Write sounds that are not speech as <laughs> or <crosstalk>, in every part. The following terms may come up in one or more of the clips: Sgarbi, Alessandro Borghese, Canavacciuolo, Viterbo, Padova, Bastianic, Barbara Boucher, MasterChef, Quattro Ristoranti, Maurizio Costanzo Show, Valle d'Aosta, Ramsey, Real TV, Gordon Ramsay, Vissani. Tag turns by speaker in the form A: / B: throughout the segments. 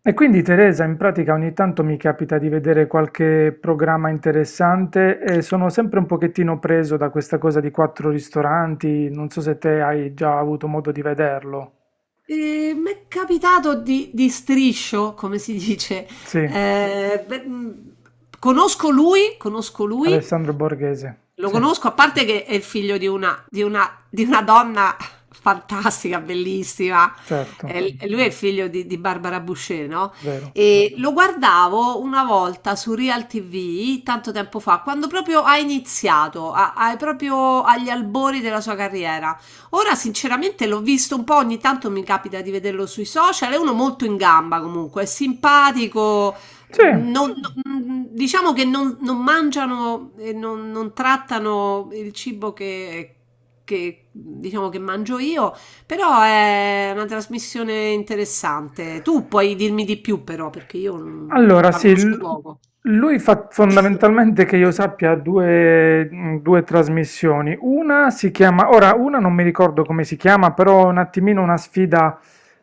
A: E quindi Teresa, in pratica ogni tanto mi capita di vedere qualche programma interessante e sono sempre un pochettino preso da questa cosa di quattro ristoranti, non so se te hai già avuto modo di vederlo.
B: M'è capitato di striscio, come si dice.
A: Sì,
B: Ehm, beh, mhmm, conosco lui,
A: Alessandro Borghese,
B: lo
A: sì,
B: conosco, a parte che è il figlio di una, di una donna <laughs> fantastica, bellissima.
A: certo,
B: Lui è il figlio di Barbara Boucher, no?
A: vero.
B: E lo guardavo una volta su Real TV, tanto tempo fa, quando proprio ha iniziato, proprio agli albori della sua carriera. Ora, sinceramente, l'ho visto un po', ogni tanto mi capita di vederlo sui social, è uno molto in gamba comunque, è simpatico,
A: Sì.
B: diciamo che non mangiano e non trattano il cibo diciamo che mangio io, però è una trasmissione interessante. Tu puoi dirmi di più, però, perché io non-
A: Allora,
B: la
A: sì,
B: conosco poco.
A: lui fa fondamentalmente che io sappia due trasmissioni. Una si chiama, ora una non mi ricordo come si chiama, però è un attimino una sfida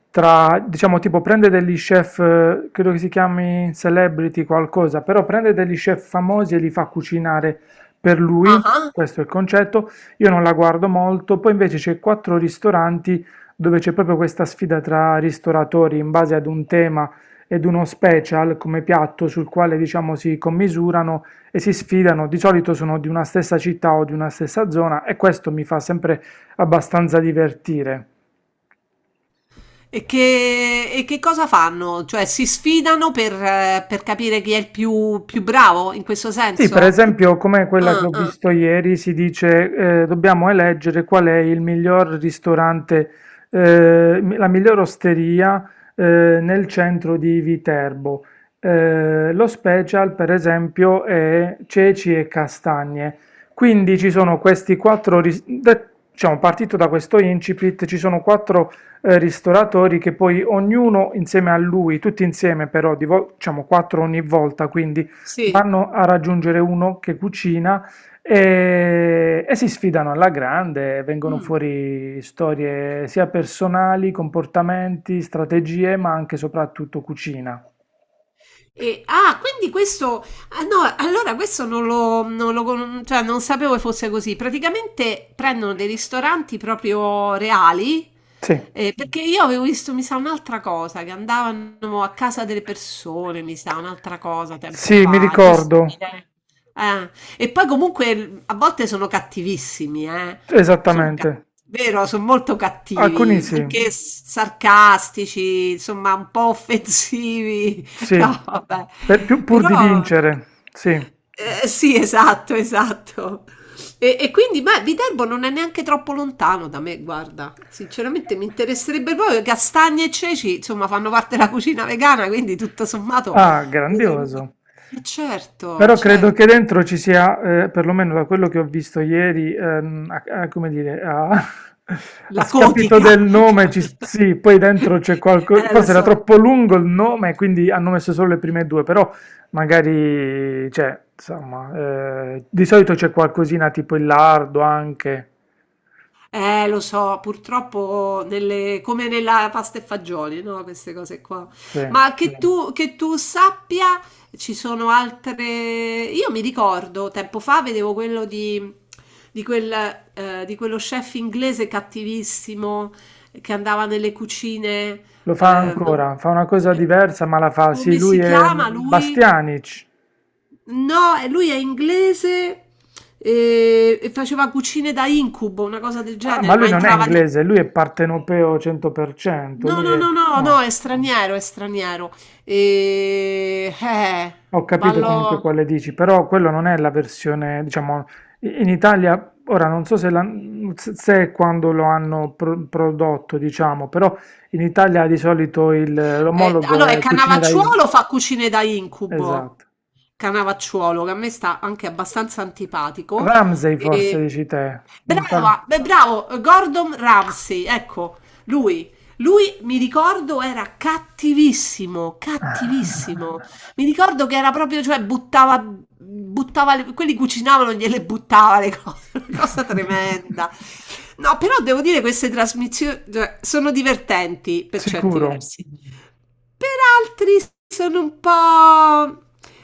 A: tra, diciamo, tipo prende degli chef, credo che si chiami celebrity qualcosa, però prende degli chef famosi e li fa cucinare per lui,
B: Ah, ah.
A: questo è il concetto. Io non la guardo molto, poi invece c'è quattro ristoranti dove c'è proprio questa sfida tra ristoratori in base ad un tema ed uno special come piatto sul quale diciamo si commisurano e si sfidano. Di solito sono di una stessa città o di una stessa zona e questo mi fa sempre abbastanza divertire.
B: E che cosa fanno? Cioè, si sfidano per capire chi è più bravo in questo
A: Sì, per
B: senso?
A: esempio, come quella che
B: Ah,
A: ho
B: ah,
A: visto ieri, si dice dobbiamo eleggere qual è il miglior ristorante, la miglior osteria nel centro di Viterbo. Lo special, per esempio, è ceci e castagne. Quindi ci sono questi quattro, diciamo, partito da questo incipit, ci sono quattro ristoratori che poi ognuno insieme a lui, tutti insieme però, diciamo quattro ogni volta, quindi
B: sì.
A: vanno a raggiungere uno che cucina e si sfidano alla grande, vengono
B: Mm.
A: fuori storie sia personali, comportamenti, strategie, ma anche e soprattutto cucina.
B: E- ah, quindi questo, ah, no, allora questo non lo con- cioè non sapevo che fosse così. Praticamente prendono dei ristoranti proprio reali,
A: Sì.
B: perché io avevo visto, mi sa, un'altra cosa, che andavano a casa delle persone, mi sa, un'altra cosa tempo
A: Sì, mi
B: fa. È
A: ricordo,
B: possibile? Eh, E poi comunque a volte sono cattivissimi, eh. Sono cattivi.
A: esattamente.
B: Vero, sono molto
A: Alcuni
B: cattivi,
A: sì,
B: anche sarcastici, insomma, un po' offensivi. <laughs>
A: sì,
B: No, vabbè.
A: Pur di
B: Però
A: vincere, sì.
B: sì, esatto, esatto. E quindi, beh, Viterbo non è neanche troppo lontano da me, guarda. Sinceramente mi interesserebbe proprio. Castagne e ceci, insomma, fanno parte della cucina vegana, quindi tutto sommato.
A: Ah, grandioso.
B: E certo,
A: Però credo che
B: certo.
A: dentro ci sia, perlomeno da quello che ho visto ieri, come dire, <laughs> a
B: La
A: scapito del
B: codica. <laughs>
A: nome, ci, sì, poi dentro c'è qualcosa,
B: Lo
A: forse era
B: so.
A: troppo lungo il nome, quindi hanno messo solo le prime due, però magari, cioè, insomma, di solito c'è qualcosina tipo il lardo anche,
B: Lo so, purtroppo come nella pasta e fagioli, no? Queste cose qua.
A: sì.
B: Ma che tu, che tu sappia, ci sono altre. Io mi ricordo, tempo fa vedevo quello di quel, di quello chef inglese cattivissimo che andava nelle cucine.
A: Lo fa
B: eh, non-
A: ancora, fa una cosa
B: eh,
A: diversa, ma la fa, sì,
B: Come si
A: lui è
B: chiama lui?
A: Bastianic.
B: No, lui è inglese e faceva cucine da incubo, una cosa del
A: Ah, ma
B: genere,
A: lui non è inglese, lui è partenopeo 100%,
B: No,
A: lui
B: no,
A: è...
B: no, no, no, è
A: No,
B: straniero, è straniero. E... Eh,
A: ho capito comunque
B: vallo...
A: quale dici, però quello non è la versione, diciamo, in Italia, ora non so se, se è quando lo hanno prodotto, diciamo, però in Italia di solito
B: <laughs>
A: l'omologo
B: allora, è
A: è Cucine
B: Canavacciuolo
A: dai...
B: fa cucine da incubo.
A: Esatto.
B: Canavacciuolo, che a me sta anche abbastanza antipatico.
A: Ramsey forse dici te, un tal...
B: Brava, bravo, Gordon Ramsay, ecco, lui. Lui, mi ricordo, era cattivissimo, cattivissimo. Mi
A: <laughs>
B: ricordo che era proprio, cioè, buttava quelli cucinavano, gliele buttava le cose, <laughs> una cosa tremenda. No, però devo dire queste trasmissioni, cioè, sono divertenti per certi
A: Sicuro?
B: versi. Per altri sono un po'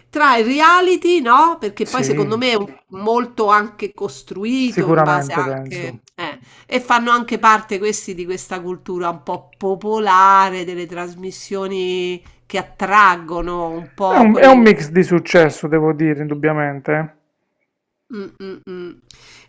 B: tra il reality, no? Perché poi secondo
A: Sì,
B: me molto anche costruito in base
A: sicuramente penso.
B: anche. Eh, e fanno anche parte questi di questa cultura un po' popolare, delle trasmissioni che attraggono un
A: È
B: po'
A: un, è
B: quelle.
A: un mix di successo, devo dire, indubbiamente.
B: Mm, mm, mm.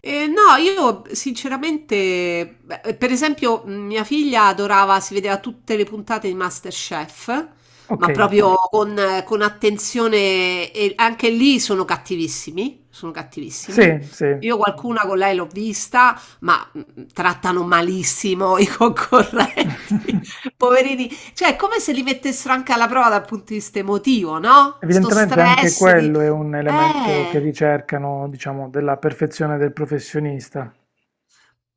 B: No, io sinceramente, beh, per esempio, mia figlia adorava, si vedeva tutte le puntate di MasterChef,
A: Ok,
B: ma proprio con attenzione, e anche lì sono cattivissimi, sono cattivissimi.
A: sì, sì.
B: Io qualcuna con lei l'ho vista, ma trattano malissimo i concorrenti,
A: <laughs>
B: <laughs> poverini. Cioè, è come se li mettessero anche alla prova dal punto di vista emotivo, no? Sto
A: Evidentemente anche
B: stress di.
A: quello è un elemento che
B: Eh,
A: ricercano, diciamo, della perfezione del professionista.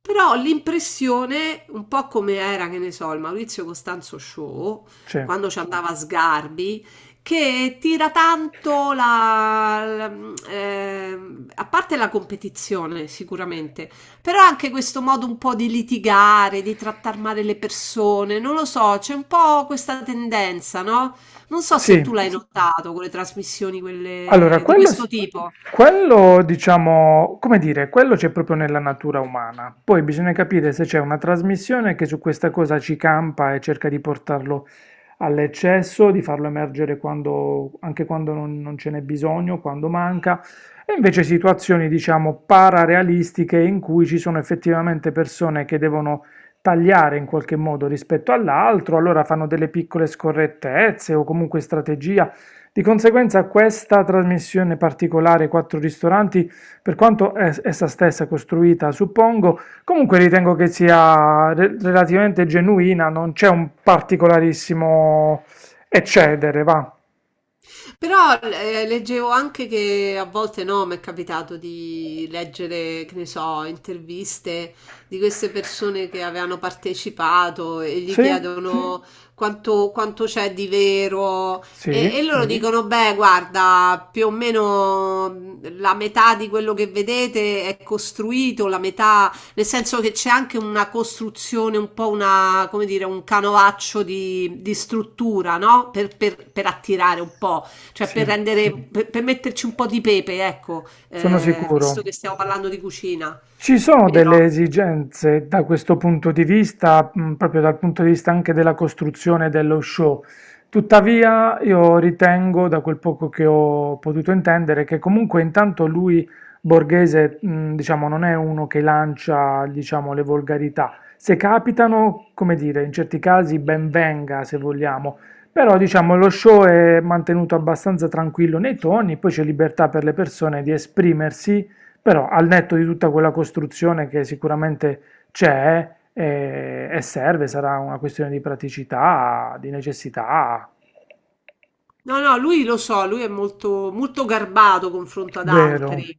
B: Però l'impressione, un po' come era, che ne so, il Maurizio Costanzo Show,
A: Sì.
B: quando ci andava a Sgarbi, che tira tanto a parte la competizione sicuramente, però anche questo modo un po' di litigare, di trattare male le persone, non lo so, c'è un po' questa tendenza, no? Non so se
A: Sì.
B: tu l'hai notato con le trasmissioni
A: Allora,
B: quelle di
A: quello,
B: questo
A: s-
B: tipo.
A: quello, diciamo, come dire, quello c'è proprio nella natura umana. Poi bisogna capire se c'è una trasmissione che su questa cosa ci campa e cerca di portarlo all'eccesso, di farlo emergere quando, anche quando non ce n'è bisogno, quando manca, e invece situazioni, diciamo, pararealistiche in cui ci sono effettivamente persone che devono tagliare in qualche modo rispetto all'altro, allora fanno delle piccole scorrettezze o comunque strategie di conseguenza questa trasmissione particolare Quattro Ristoranti, per quanto essa stessa costruita, suppongo, comunque ritengo che sia relativamente genuina, non c'è un particolarissimo eccedere, va?
B: Però leggevo anche che a volte no, mi è capitato di leggere, che ne so, interviste di queste persone che avevano partecipato e gli
A: Sì?
B: chiedono <laughs> quanto c'è di vero e
A: Sì?
B: loro dicono, beh, guarda, più o meno la metà di quello che vedete è costruito, la metà, nel senso che c'è anche una costruzione, un po' una, come dire, un canovaccio di struttura, no? Per attirare un po'. Cioè per
A: Sì,
B: rendere, per metterci un po' di pepe, ecco,
A: sono
B: visto
A: sicuro.
B: che stiamo parlando di cucina,
A: Ci sono delle
B: vero?
A: esigenze da questo punto di vista, proprio dal punto di vista anche della costruzione dello show. Tuttavia, io ritengo, da quel poco che ho potuto intendere, che comunque intanto lui, Borghese, diciamo, non è uno che lancia, diciamo, le volgarità. Se capitano, come dire, in certi casi ben venga, se vogliamo. Però, diciamo, lo show è mantenuto abbastanza tranquillo nei toni, poi c'è libertà per le persone di esprimersi però al netto di tutta quella costruzione che sicuramente c'è e serve, sarà una questione di praticità, di necessità,
B: No, no, lui lo so, lui è molto, molto garbato confronto ad
A: vero?
B: altri.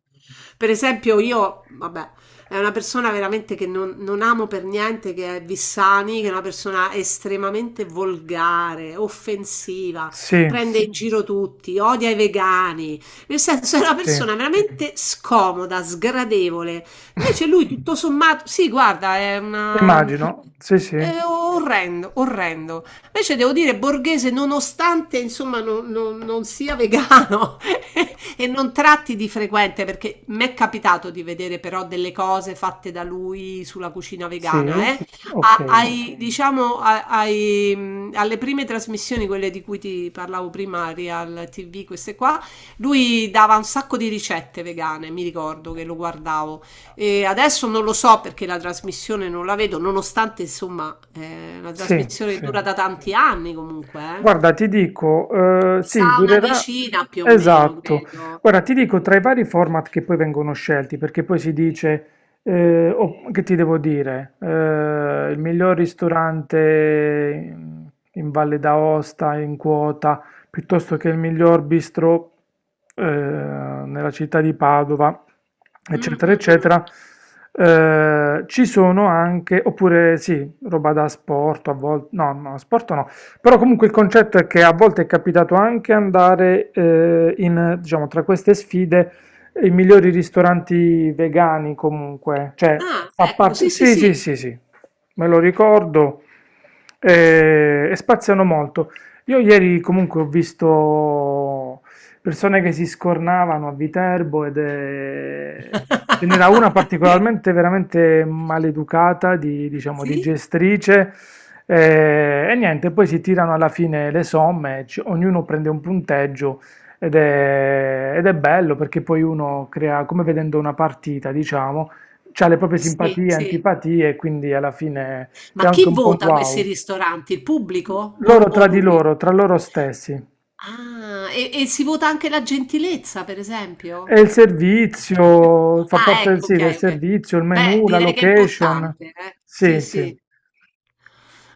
B: Per esempio, io, vabbè, è una persona veramente che non amo per niente, che è Vissani, che è una persona estremamente volgare, offensiva,
A: Sì,
B: prende in giro tutti, odia i vegani, nel senso è una
A: sì.
B: persona veramente scomoda, sgradevole. Invece
A: <laughs>
B: lui, tutto sommato, sì, guarda,
A: Immagino, sì, sì,
B: è orrendo, orrendo. Invece devo dire borghese, nonostante insomma non sia vegano <laughs> e non tratti di frequente, perché mi è capitato di vedere però delle cose fatte da lui sulla cucina vegana,
A: sì,
B: eh.
A: ok.
B: Diciamo, alle prime trasmissioni, quelle di cui ti parlavo prima, Real TV, queste qua, lui dava un sacco di ricette vegane, mi ricordo che lo guardavo e adesso non lo so perché la trasmissione non la vedo, nonostante insomma una
A: Sì,
B: trasmissione che
A: sì.
B: dura da tanti anni comunque, eh.
A: Guarda, ti dico,
B: Mi
A: sì,
B: sa una
A: durerà.
B: decina più o meno,
A: Esatto.
B: credo.
A: Guarda, ti dico tra i vari format che poi vengono scelti, perché poi si dice, che ti devo dire, il miglior ristorante in, Valle d'Aosta in quota, piuttosto che il miglior bistro, nella città di Padova,
B: Mm,
A: eccetera,
B: mm, mm.
A: eccetera. Ci sono anche, oppure sì, roba da sport a volte, no, no, sport no però comunque il concetto è che a volte è capitato anche andare in, diciamo, tra queste sfide i migliori ristoranti vegani comunque, cioè
B: Ah,
A: fa
B: ecco,
A: parte...
B: sì, sì,
A: Sì, sì,
B: sì.
A: sì, sì, me lo ricordo e spaziano molto. Io ieri comunque ho visto persone che si scornavano a Viterbo ed è... Ce n'era una
B: <laughs>
A: particolarmente veramente maleducata, di, diciamo, di
B: Sì?
A: gestrice, e niente, poi si tirano alla fine le somme, ognuno prende un punteggio ed è bello perché poi uno crea, come vedendo una partita, diciamo, ha le proprie
B: Sì,
A: simpatie,
B: sì.
A: antipatie e quindi alla fine c'è
B: Ma chi
A: anche un po' un
B: vota questi
A: wow.
B: ristoranti? Il pubblico
A: Loro
B: o
A: tra di
B: lui?
A: loro, tra loro stessi.
B: Ah, e si vota anche la gentilezza, per
A: È
B: esempio?
A: il servizio, fa
B: Ah,
A: parte del,
B: ecco,
A: sì, del
B: okay, okay.
A: servizio, il
B: Beh,
A: menu, la
B: direi che è
A: location.
B: importante, eh. Sì,
A: Sì, sì.
B: sì.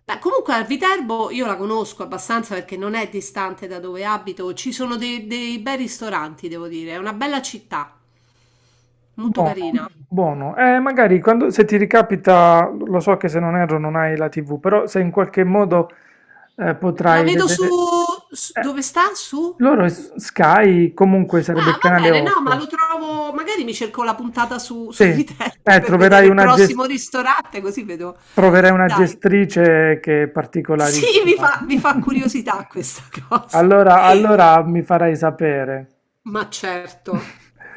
B: Beh, comunque a Viterbo io la conosco abbastanza perché non è distante da dove abito. Ci sono dei bei ristoranti, devo dire. È una bella città, molto
A: Buono,
B: carina.
A: buono. Magari quando, se ti ricapita, lo so che se non erro non hai la TV, però se in qualche modo
B: La
A: potrai
B: vedo su,
A: vedere...
B: su-
A: eh,
B: dove sta? Su?
A: Loro è Sky comunque sarebbe il
B: Ah, va
A: canale
B: bene, no, ma lo
A: 8.
B: trovo. Magari mi cerco la puntata su,
A: Sì,
B: su Viterbo per
A: troverai
B: vedere il
A: una
B: prossimo
A: gestione...
B: ristorante, così vedo.
A: Troverai una
B: Dai,
A: gestrice che è
B: sì,
A: particolarissima.
B: mi fa
A: <laughs>
B: curiosità questa <laughs> cosa.
A: Allora mi farai sapere.
B: Ma certo,
A: <laughs>